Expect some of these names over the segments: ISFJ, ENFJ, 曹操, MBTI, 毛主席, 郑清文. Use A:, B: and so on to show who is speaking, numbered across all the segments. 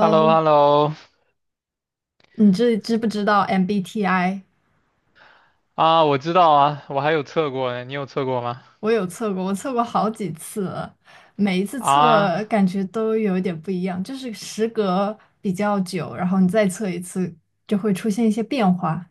A: h e l l o h e l l o
B: 你知不知道 MBTI？
A: 啊，我知道啊，我还有测过呢，你有测过吗？
B: 我有测过，我测过好几次了，每一次
A: 啊，
B: 测感觉都有一点不一样，就是时隔比较久，然后你再测一次，就会出现一些变化。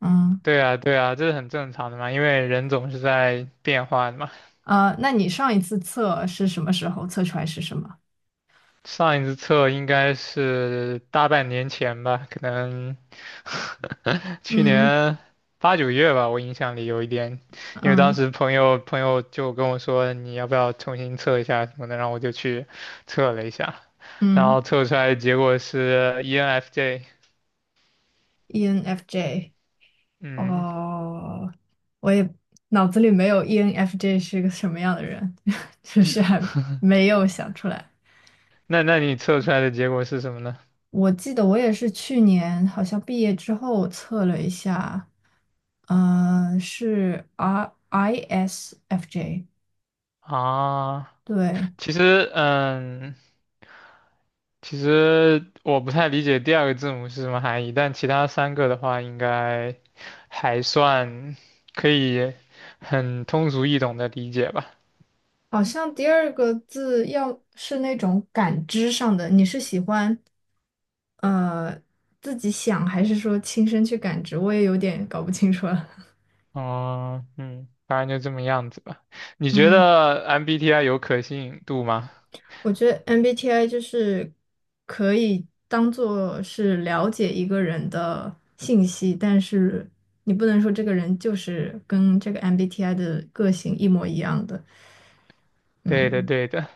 B: 嗯
A: 对啊，对啊，这是很正常的嘛，因为人总是在变化的嘛。
B: 啊，那你上一次测是什么时候？测出来是什么？
A: 上一次测应该是大半年前吧，可能 去
B: 嗯
A: 年八九月吧，我印象里有一点，因为当
B: 嗯
A: 时朋友就跟我说你要不要重新测一下什么的，然后我就去测了一下，然
B: 嗯
A: 后测出来的结果是 ENFJ，
B: ，ENFJ。
A: 嗯。
B: 哦，我也脑子里没有 ENFJ 是个什么样的人，就是还没有想出来。
A: 那你测出来的结果是什么呢？
B: 我记得我也是去年好像毕业之后测了一下，是 R ISFJ，
A: 啊，
B: 对，
A: 其实嗯，其实我不太理解第二个字母是什么含义，但其他三个的话应该还算可以很通俗易懂的理解吧。
B: 好像第二个字要是那种感知上的，你是喜欢呃自己想还是说亲身去感知？我也有点搞不清楚了。
A: 哦，嗯，反正就这么样子吧。你觉
B: 嗯
A: 得 MBTI 有可信度吗？
B: 我觉得 MBTI 就是可以当做是了解一个人的信息，但是你不能说这个人就是跟这个 MBTI 的个性一模一样的。
A: 对的，
B: 嗯，
A: 对的。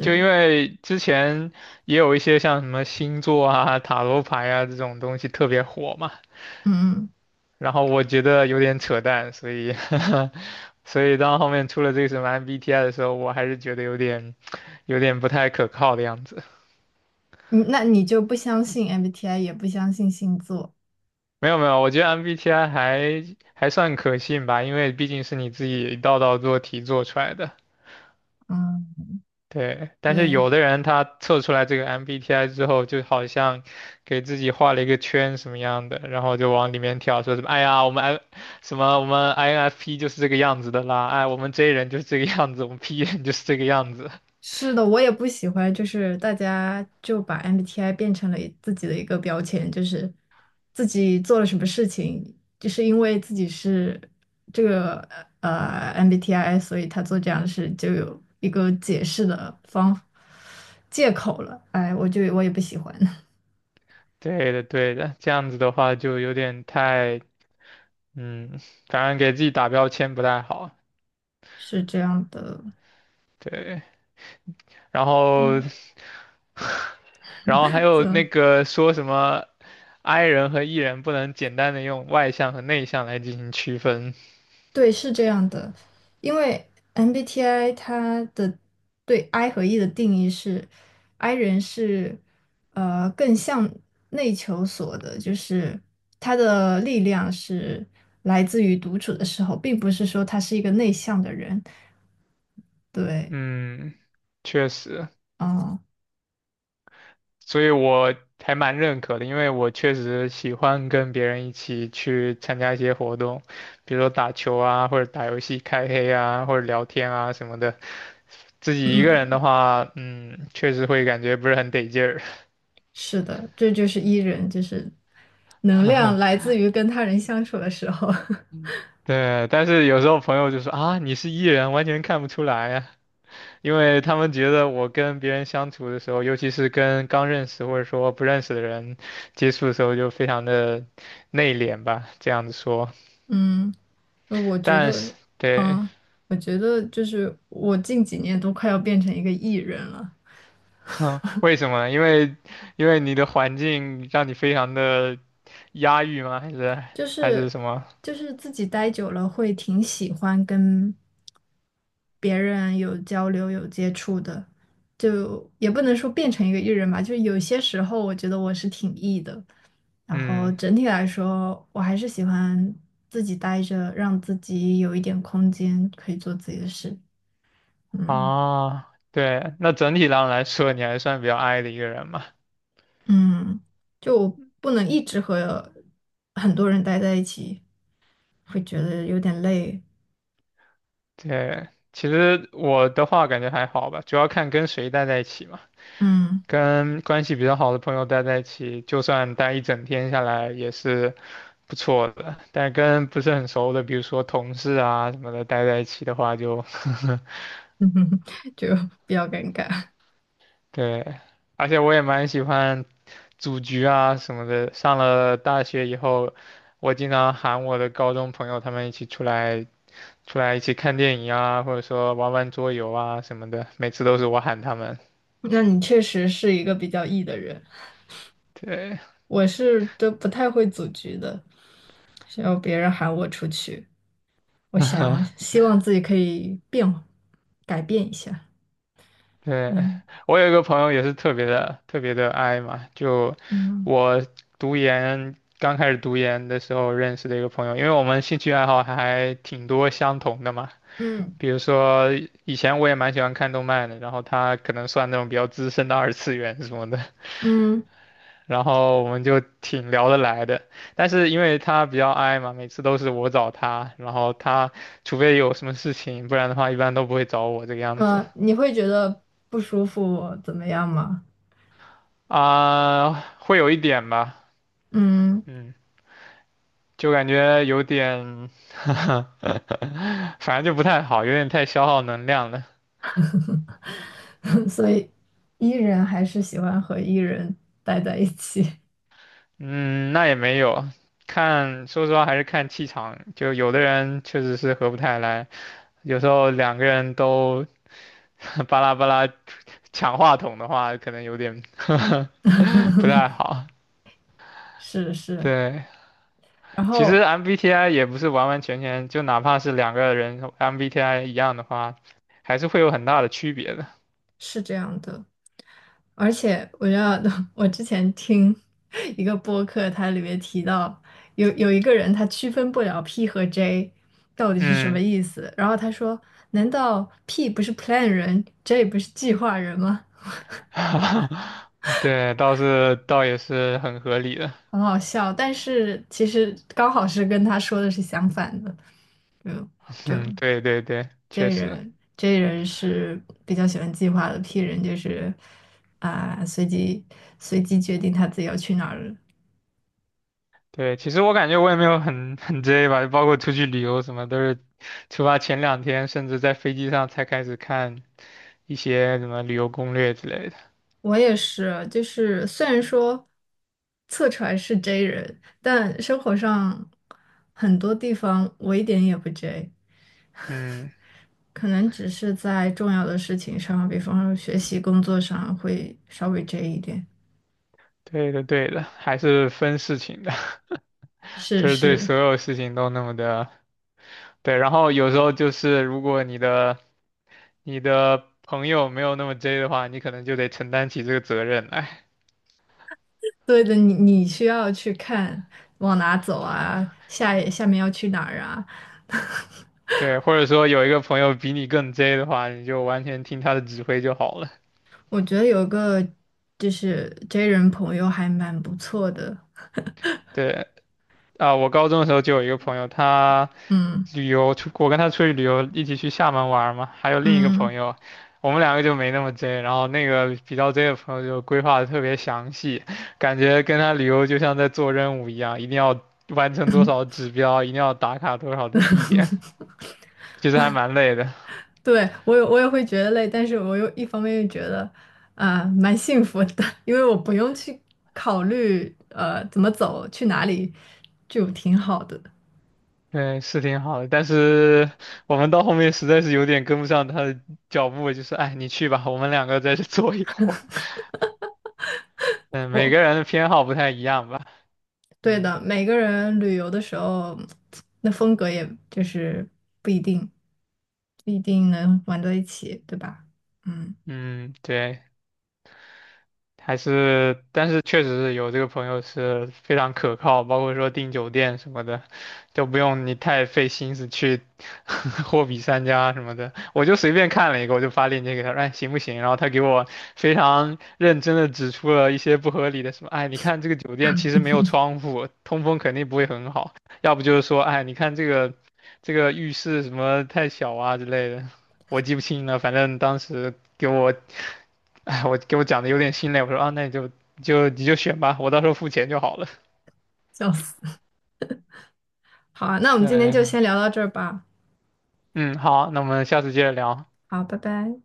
A: 就因为之前也有一些像什么星座啊、塔罗牌啊这种东西特别火嘛。
B: 嗯
A: 然后我觉得有点扯淡，所以 所以当后面出了这个什么 MBTI 的时候，我还是觉得有点不太可靠的样子。
B: 嗯，那你就不相信 MBTI，也不相信星座。
A: 没有没有，我觉得 MBTI 还算可信吧，因为毕竟是你自己一道道做题做出来的。
B: 嗯，
A: 对，但是
B: 对。
A: 有的人他测出来这个 MBTI 之后，就好像给自己画了一个圈什么样的，然后就往里面跳，说什么哎呀，我们 I 什么我们 INFP 就是这个样子的啦，哎，我们 J 人就是这个样子，我们 P 人就是这个样子。
B: 是的，我也不喜欢，就是大家就把 MBTI 变成了自己的一个标签，就是自己做了什么事情，就是因为自己是这个MBTI，所以他做这样的事就有一个解释的方借口了。哎，我也不喜欢，
A: 对的，对的，这样子的话就有点太，嗯，反正给自己打标签不太好。
B: 是这样的，
A: 对。然后，
B: 嗯。
A: 然后还有那 个说什么 I 人和 E 人不能简单的用外向和内向来进行区分。
B: 对，是这样的，因为 MBTI 它的对 I 和 E 的定义是，I 人是更向内求索的，就是他的力量是来自于独处的时候，并不是说他是一个内向的人。对，
A: 嗯，确实，
B: 啊、
A: 所以我还蛮认可的，因为我确实喜欢跟别人一起去参加一些活动，比如说打球啊，或者打游戏开黑啊，或者聊天啊什么的。自己一个人
B: 嗯，
A: 的
B: 嗯
A: 话，嗯，确实会感觉不是很得劲儿。
B: 是的，这就是 E 人，就是能量来自于跟他人相处的时候。
A: 对，但是有时候朋友就说啊，你是 E 人，完全看不出来呀，因为他们觉得我跟别人相处的时候，尤其是跟刚认识或者说不认识的人接触的时候，就非常的内敛吧，这样子说。
B: 嗯，呃我觉
A: 但是，
B: 得，
A: 对，
B: 嗯，我觉得就是我近几年都快要变成一个 E 人了，
A: 为什么呢？因为你的环境让你非常的压抑吗？还是
B: 就
A: 还是
B: 是
A: 什么？
B: 就是自己待久了会挺喜欢跟别人有交流、有接触的，就也不能说变成一个 E 人吧，就是有些时候我觉得我是挺 E 的，然后
A: 嗯，
B: 整体来说，我还是喜欢自己待着，让自己有一点空间可以做自己的事，嗯。
A: 啊，对，那整体上来说，你还算比较 I 的一个人嘛。
B: 嗯，就不能一直和很多人待在一起，会觉得有点累。
A: 对，其实我的话感觉还好吧，主要看跟谁待在一起嘛。
B: 嗯，
A: 跟关系比较好的朋友待在一起，就算待一整天下来也是不错的。但跟不是很熟的，比如说同事啊什么的，待在一起的话就
B: 就比较尴尬。
A: 对。而且我也蛮喜欢组局啊什么的。上了大学以后，我经常喊我的高中朋友他们一起出来，出来一起看电影啊，或者说玩玩桌游啊什么的。每次都是我喊他们。
B: 那你确实是一个比较 E 的人，
A: 对。
B: 我是都不太会组局的，需要别人喊我出去，我想 希望自己可以变，改变一下。
A: 对，
B: 嗯
A: 我有一个朋友也是特别的特别的 i 嘛，就
B: 嗯
A: 我刚开始读研的时候认识的一个朋友，因为我们兴趣爱好还挺多相同的嘛。
B: 嗯
A: 比如说以前我也蛮喜欢看动漫的，然后他可能算那种比较资深的二次元什么的，
B: 嗯，
A: 然后我们就挺聊得来的。但是因为他比较 i 嘛，每次都是我找他，然后他除非有什么事情，不然的话一般都不会找我这个样子。
B: 你会觉得不舒服怎么样吗？
A: 啊，会有一点吧，
B: 嗯。
A: 嗯，就感觉有点，反正就不太好，有点太消耗能量了。
B: 所以 E 人还是喜欢和 E 人待在一起，
A: 嗯，那也没有，看，说实话还是看气场，就有的人确实是合不太来，有时候两个人都 巴拉巴拉抢话筒的话，可能有点 不太好。
B: 是是，
A: 对，
B: 然
A: 其实
B: 后
A: MBTI 也不是完完全全，就哪怕是两个人 MBTI 一样的话，还是会有很大的区别的。
B: 是这样的，而且我知道 我之前听 一个播客，它里面提到有一个人他区分不了 P 和 J 到底是什么
A: 嗯。
B: 意思，然后他说，难道 P 不是 plan 人，J 不是计划人吗？
A: 对，倒也是很合理的。
B: 很好笑，但是其实刚好是跟他说的是相反的，嗯。就
A: 嗯，对对对，确
B: J
A: 实，
B: 人，J 人是比较喜欢计划的，P 人就是啊、随机随机决定他自己要去哪儿了。
A: 对。其实我感觉我也没有很 很 J 吧，包括出去旅游什么，都是出发前两天，甚至在飞机上才开始看一些什么旅游攻略之类的。
B: 我也是，就是虽然说测出来是 J 人，但生活上很多地方我一点也不 J，
A: 嗯，
B: 可能只是在重要的事情上，比方说学习、工作上会稍微 J 一点。
A: 对的对的，还是分事情的，
B: 是
A: 不是对
B: 是，
A: 所有事情都那么的。对，然后有时候就是如果你的朋友没有那么 J 的话，你可能就得承担起这个责任来。
B: 对的，你需要去看往哪走啊，下面要去哪儿啊。
A: 对，或者说有一个朋友比你更 J 的话，你就完全听他的指挥就好了。
B: 我觉得有一个就是 J 人朋友还蛮不错的，
A: 对，啊，我高中的时候就有一个朋友，他
B: 嗯
A: 旅游出，我跟他出去旅游，一起去厦门玩儿嘛，还有另一个朋
B: 嗯，
A: 友，我们两个就没那么 J，然后那个比较 J 的朋友就规划的特别详细，感觉跟他旅游就像在做任务一样，一定要完成多少指标，一定要打卡多少的地点，其实还蛮累的。
B: 对，我也会觉得累，但是我又一方面又觉得蛮幸福的，因为我不用去考虑怎么走去哪里，就挺好的。
A: 对，是挺好的，但是我们到后面实在是有点跟不上他的脚步，就是，哎，你去吧，我们两个在这 坐一会儿。嗯，每
B: 我
A: 个人的偏好不太一样吧。
B: 对
A: 嗯
B: 的，每个人旅游的时候，那风格也就是不一定不一定能玩到一起，对吧？嗯，
A: 嗯，对。还是，但是确实是有这个朋友是非常可靠，包括说订酒店什么的，都不用你太费心思去 货比三家什么的。我就随便看了一个，我就发链接给他，哎，行不行？然后他给我非常认真的指出了一些不合理的什么，哎，你看这个酒店其实没有窗户，通风肯定不会很好，要不就是说，哎，你看这个浴室什么太小啊之类的，我记不清了，反正当时给我 哎，给我讲的有点心累，我说啊，那你就选吧，我到时候付钱就好了。
B: 笑死。好啊，那我们今天就
A: 嗯
B: 先聊到这儿吧。
A: 嗯，好，那我们下次接着聊。
B: 好，拜拜。